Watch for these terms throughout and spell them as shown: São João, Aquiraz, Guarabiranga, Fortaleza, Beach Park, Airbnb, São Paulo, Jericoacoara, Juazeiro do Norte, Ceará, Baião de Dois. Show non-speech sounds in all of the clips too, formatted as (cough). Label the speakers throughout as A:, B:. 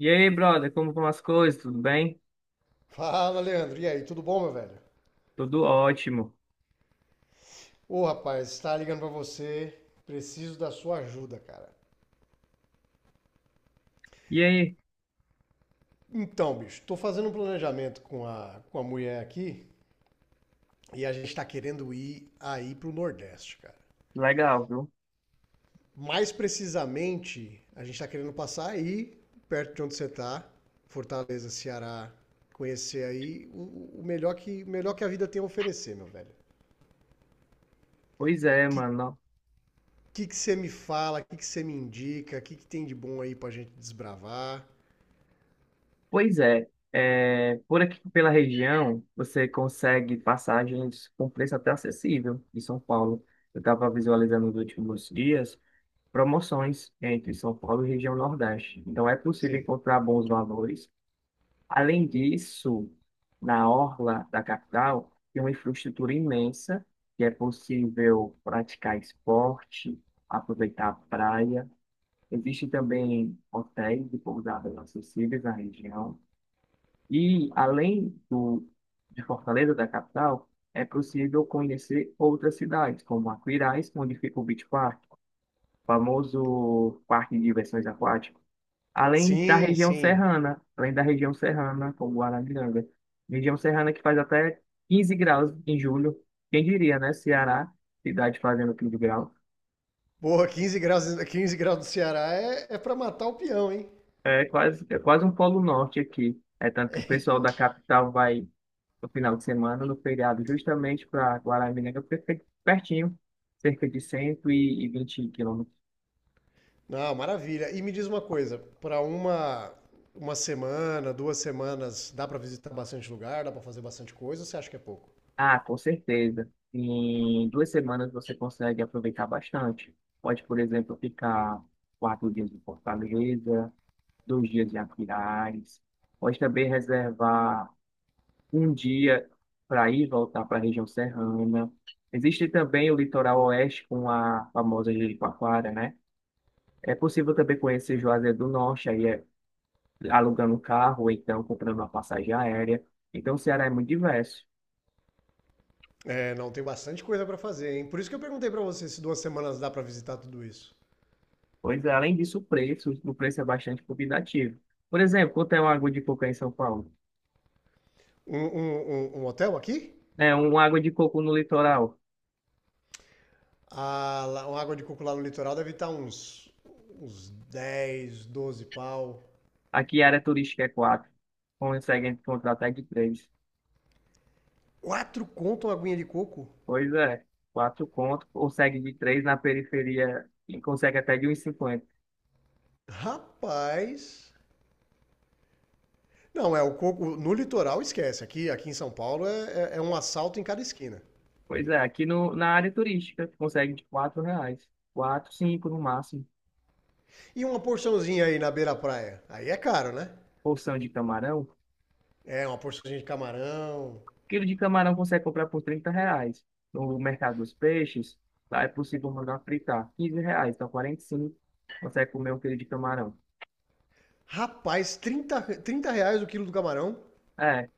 A: E aí, brother, como vão as coisas? Tudo bem?
B: Fala, Leandro. E aí, tudo bom, meu velho?
A: Tudo ótimo.
B: Ô, rapaz, tá ligando pra você. Preciso da sua ajuda, cara.
A: E aí?
B: Então, bicho, tô fazendo um planejamento com a mulher aqui e a gente tá querendo ir aí pro Nordeste, cara.
A: Legal, viu?
B: Mais precisamente, a gente tá querendo passar aí, perto de onde você tá, Fortaleza, Ceará, conhecer aí o melhor que a vida tem a oferecer, meu velho.
A: Pois é,
B: O Que
A: mano.
B: que que você me fala? O que que você me indica? O que que tem de bom aí pra gente desbravar?
A: Pois é. É, por aqui pela região, você consegue passagens com preço até acessível em São Paulo. Eu estava visualizando nos últimos dias promoções entre São Paulo e região Nordeste. Então é possível encontrar bons valores. Além disso, na orla da capital tem uma infraestrutura imensa que é possível praticar esporte, aproveitar a praia. Existem também hotéis e pousadas acessíveis na região. E além de Fortaleza, da capital, é possível conhecer outras cidades, como Aquiraz, onde fica o Beach Park, famoso parque de diversões aquáticas. Além da
B: Sim,
A: região
B: sim.
A: serrana, além da região serrana, como Guarabiranga. Região serrana que faz até 15 graus em julho. Quem diria, né? Ceará, cidade fazendo 15 graus.
B: Boa, 15 graus, (laughs) quinze graus do Ceará é para matar o peão, hein?
A: É quase um polo norte aqui. É tanto que o pessoal da capital vai no final de semana, no feriado, justamente para Guarabiranga, porque fica pertinho, cerca de 120 quilômetros.
B: Não, maravilha. E me diz uma coisa, para uma semana, duas semanas, dá para visitar bastante lugar, dá para fazer bastante coisa, ou você acha que é pouco?
A: Ah, com certeza. Em 2 semanas você consegue aproveitar bastante. Pode, por exemplo, ficar 4 dias em Fortaleza, 2 dias em Aquiraz. Pode também reservar um dia para ir e voltar para a região serrana. Existe também o litoral oeste com a famosa Jericoacoara, né? É possível também conhecer Juazeiro do Norte, aí é alugando um carro ou então comprando uma passagem aérea. Então o Ceará é muito diverso.
B: É, não, tem bastante coisa para fazer, hein? Por isso que eu perguntei para você se duas semanas dá para visitar tudo isso.
A: Pois é, além disso, o preço é bastante convidativo. Por exemplo, quanto é uma água de coco aí em São Paulo?
B: Um hotel aqui?
A: É, uma água de coco no litoral.
B: Ah, lá, uma água de coco lá no litoral deve estar uns 10, 12 pau.
A: Aqui a área turística é quatro. Consegue encontrar até de três.
B: Quatro conto uma aguinha de coco?
A: Pois é, quatro conto, consegue de três na periferia e consegue até de 1,50.
B: Rapaz. Não, é o coco. No litoral, esquece. Aqui em São Paulo é, é um assalto em cada esquina.
A: Pois é, aqui no, na área turística consegue de R$ 4. Quatro, cinco no máximo.
B: E uma porçãozinha aí na beira-praia. Aí é caro, né?
A: Porção de camarão.
B: É, uma porçãozinha de camarão.
A: Quilo de camarão consegue comprar por R$ 30. No mercado dos peixes, lá é possível mandar fritar. R$ 15, então 45. Consegue comer 1 quilo de camarão.
B: Rapaz, trinta reais o quilo do camarão.
A: É,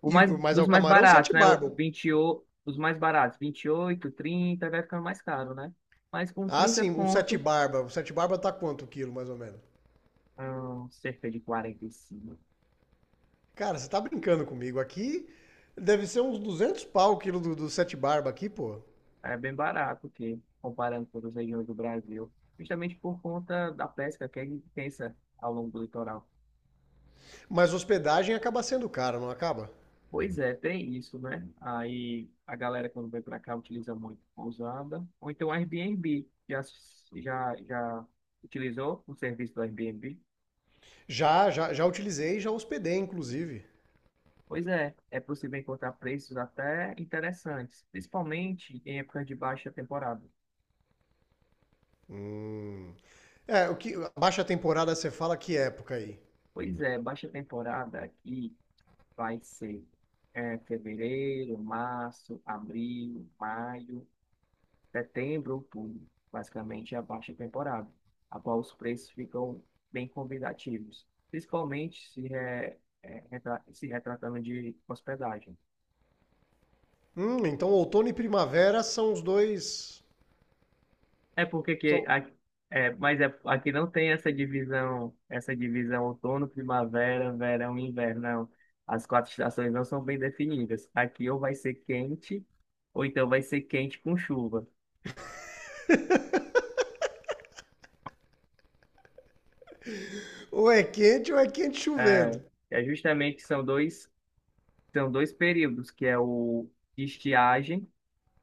B: E, mas é
A: dos
B: o
A: mais
B: camarão
A: baratos,
B: sete
A: né? O
B: barba.
A: 28, os mais baratos, 28, 30, vai ficando mais caro, né? Mas com
B: Ah,
A: 30
B: sim, um sete
A: conto,
B: barba. O sete barba tá quanto o quilo, mais ou menos?
A: cerca de 45,
B: Cara, você tá brincando comigo. Aqui deve ser uns 200 pau o quilo do sete barba aqui, pô.
A: é bem barato, que comparando com as regiões do Brasil. Justamente por conta da pesca que é intensa ao longo do litoral.
B: Mas hospedagem acaba sendo caro, não acaba?
A: Pois é, tem isso, né? Aí a galera quando vem para cá utiliza muito pousada, ou então Airbnb. Já utilizou o serviço do Airbnb?
B: Já utilizei, e já hospedei, inclusive.
A: Pois é, é possível encontrar preços até interessantes, principalmente em épocas de baixa temporada.
B: Hum. É, o que, a baixa temporada você fala que época aí?
A: Pois é, baixa temporada aqui vai ser fevereiro, março, abril, maio. Setembro, outubro, basicamente é a baixa temporada, a qual os preços ficam bem convidativos, principalmente se retratando de hospedagem.
B: Então outono e primavera são os dois.
A: É porque que
B: São,
A: a- é, mas é, Aqui não tem essa divisão, outono, primavera, verão e inverno, não. As quatro estações não são bem definidas. Aqui ou vai ser quente, ou então vai ser quente com chuva.
B: ou é quente
A: É,
B: chovendo.
A: é, justamente são dois períodos, que é o de estiagem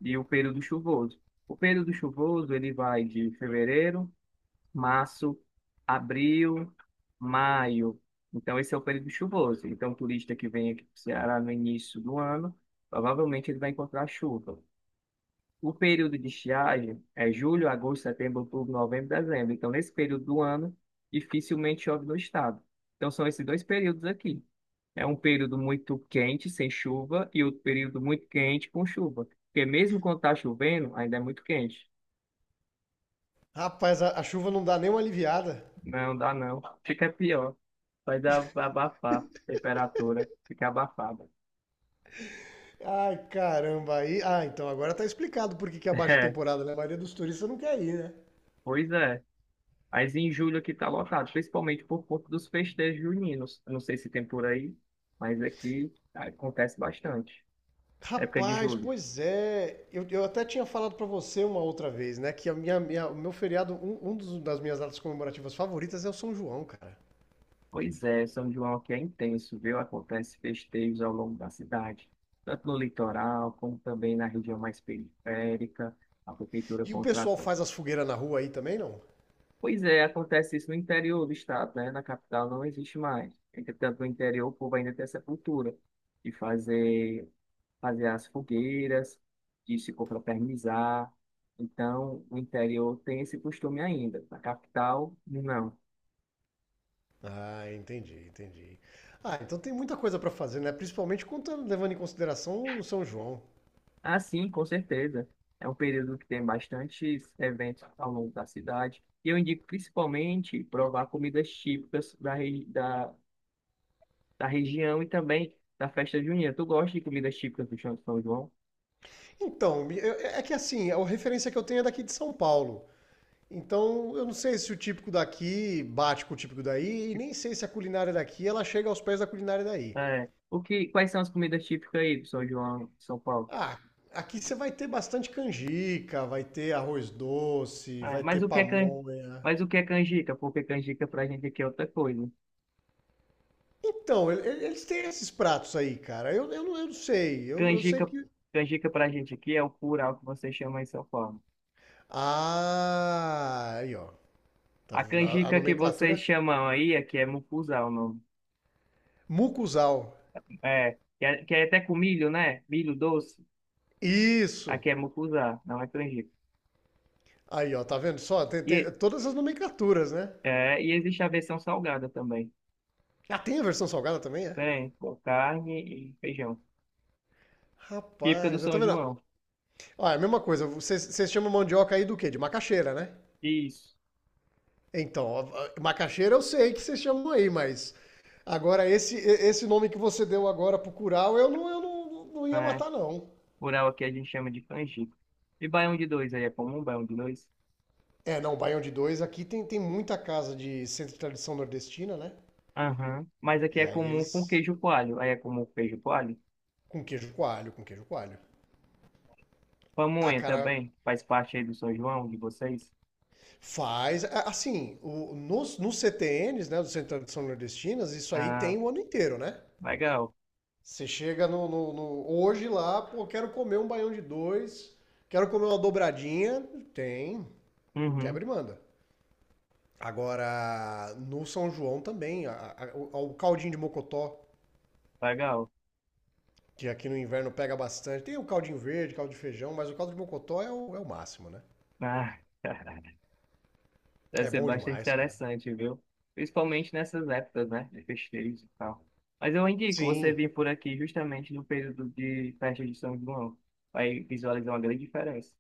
A: e o período chuvoso. O período chuvoso ele vai de fevereiro, março, abril, maio. Então esse é o período chuvoso. Então o turista que vem aqui para o Ceará no início do ano, provavelmente ele vai encontrar chuva. O período de estiagem é julho, agosto, setembro, outubro, novembro, dezembro. Então, nesse período do ano, dificilmente chove no estado. Então, são esses dois períodos aqui. É um período muito quente, sem chuva, e outro período muito quente, com chuva. Porque mesmo quando está chovendo, ainda é muito quente.
B: Rapaz, a chuva não dá nem uma aliviada.
A: Não dá não. Fica pior. Vai dar abafar. Temperatura fica abafada. (laughs)
B: Ai, caramba, aí. Ah, então agora tá explicado por que que é a baixa
A: É,
B: temporada, né? A maioria dos turistas não quer ir, né?
A: pois é. Mas em julho aqui tá lotado, principalmente por conta dos festejos juninos. Eu não sei se tem por aí, mas aqui acontece bastante. Época de
B: Rapaz,
A: julho.
B: pois é. Eu até tinha falado pra você uma outra vez, né? Que a minha, minha- o meu feriado, um das minhas datas comemorativas favoritas é o São João, cara.
A: Pois é, São João aqui é intenso, viu? Acontece festejos ao longo da cidade, tanto no litoral como também na região mais periférica. A prefeitura
B: E o pessoal
A: contrata.
B: faz as fogueiras na rua aí também, não?
A: Pois é, acontece isso no interior do estado, né? Na capital não existe mais. Entretanto, no interior o povo ainda tem essa cultura de fazer as fogueiras, de se confraternizar. Então, o interior tem esse costume ainda. Na capital, não.
B: Ah, entendi, entendi. Ah, então tem muita coisa pra fazer, né? Principalmente quando tá levando em consideração o São João.
A: Ah, sim, com certeza. É um período que tem bastantes eventos ao longo da cidade. E eu indico principalmente provar comidas típicas da região e também da festa junina. Tu gosta de comidas típicas do Chão de São João?
B: Então, é que assim, a referência que eu tenho é daqui de São Paulo. Então, eu não sei se o típico daqui bate com o típico daí, e nem sei se a culinária daqui ela chega aos pés da culinária daí.
A: É. Quais são as comidas típicas aí do São João, de São Paulo?
B: Ah, aqui você vai ter bastante canjica, vai ter arroz doce,
A: É,
B: vai ter
A: mas o que é can...
B: pamonha.
A: mas o que é canjica? Porque canjica pra gente aqui é outra coisa.
B: Então, eles têm esses pratos aí, cara. Não, eu não sei. Eu sei
A: Canjica,
B: que.
A: canjica pra gente aqui é o curau que vocês chamam em São Paulo.
B: Ah, aí, ó. Tá
A: A
B: vendo? A
A: canjica que vocês
B: nomenclatura.
A: chamam aí aqui é mucuzá o nome.
B: Mucuzal.
A: É, que é, que é até com milho, né? Milho doce.
B: Isso.
A: Aqui é mucuzá, não é canjica.
B: Aí, ó. Tá vendo só? Tem
A: E,
B: todas as nomenclaturas, né?
A: e existe a versão salgada também.
B: Ah, tem a versão salgada também, é?
A: Tem com carne e feijão. Típica do
B: Rapaz, eu tá
A: São
B: vendo?
A: João.
B: Olha, a mesma coisa. Vocês chamam mandioca aí do quê? De macaxeira, né?
A: Isso,
B: Então, macaxeira eu sei que vocês chamam aí, mas agora esse nome que você deu agora pro curau, eu não ia
A: né?
B: matar, não.
A: Curau aqui a gente chama de canjica. E baião de dois aí é comum, baião de dois?
B: É, não, Baião de Dois, aqui tem, tem muita casa de centro de tradição nordestina, né?
A: Aham. Mas aqui
B: E
A: é
B: aí
A: comum com
B: eles.
A: queijo coalho. Aí é comum com queijo coalho.
B: Com queijo coalho, com queijo coalho. Ah,
A: Pamonha
B: cara,
A: também faz parte aí do São João, de vocês?
B: faz. Assim, nos CTNs, né, do Centro de Tradição Nordestinas, isso aí
A: Ah,
B: tem o ano inteiro, né?
A: legal.
B: Você chega no hoje lá, pô, quero comer um baião de dois, quero comer uma dobradinha, tem,
A: Uhum,
B: quebra e manda. Agora, no São João também, o caldinho de mocotó,
A: legal.
B: que aqui no inverno pega bastante. Tem o caldinho verde, caldo de feijão, mas o caldo de mocotó é o máximo, né?
A: Ah, (laughs) deve
B: É
A: ser
B: bom
A: bastante
B: demais, cara.
A: interessante, viu? Principalmente nessas épocas, né? De festejos e tal. Mas eu indico você
B: Sim.
A: vir por aqui justamente no período de festa de São João. Vai visualizar uma grande diferença.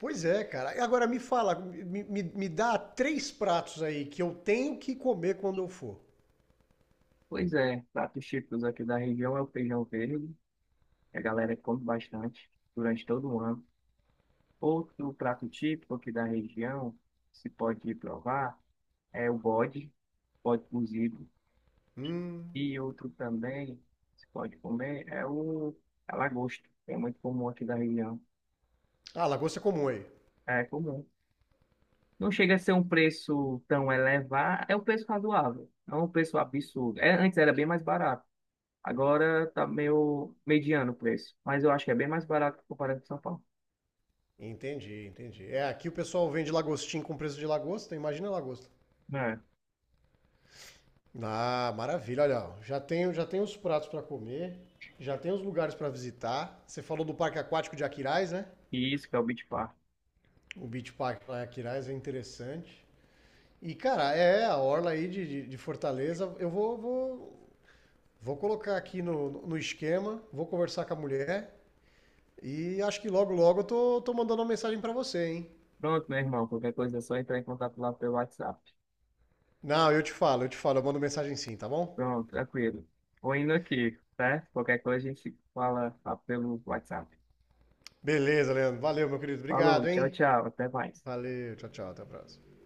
B: Pois é, cara. E agora me fala, me dá três pratos aí que eu tenho que comer quando eu for.
A: Pois é, pratos típicos aqui da região é o feijão verde, que a galera come bastante durante todo o ano. Outro prato típico aqui da região, se pode provar, é o bode, bode cozido.
B: Hum.
A: E outro também, se pode comer, é o a lagosta, que é muito comum aqui da região.
B: Ah, lagosta é comum aí.
A: É comum. Não chega a ser um preço tão elevado, é um preço razoável, não é um preço absurdo. É, antes era bem mais barato, agora tá meio mediano o preço, mas eu acho que é bem mais barato comparado com São Paulo.
B: Entendi, entendi. É, aqui o pessoal vende lagostim com preço de lagosta, imagina a lagosta.
A: É.
B: Ah, maravilha, olha, ó, já tenho os pratos para comer, já tenho os lugares para visitar. Você falou do Parque Aquático de Aquiraz, né?
A: E isso que é o Beach Park.
B: O Beach Park lá em Aquiraz é interessante. E, cara, é, a orla aí de Fortaleza, eu vou colocar aqui no esquema, vou conversar com a mulher e acho que logo eu tô mandando uma mensagem para você, hein?
A: Pronto, meu irmão, qualquer coisa é só entrar em contato lá pelo WhatsApp.
B: Não, eu te falo, eu mando mensagem sim, tá bom?
A: Pronto, tranquilo. Vou indo aqui, certo? Qualquer coisa a gente se fala lá pelo WhatsApp.
B: Beleza, Leandro. Valeu, meu querido.
A: Falou,
B: Obrigado,
A: tchau,
B: hein?
A: tchau, até mais.
B: Valeu, tchau, tchau. Até a próxima.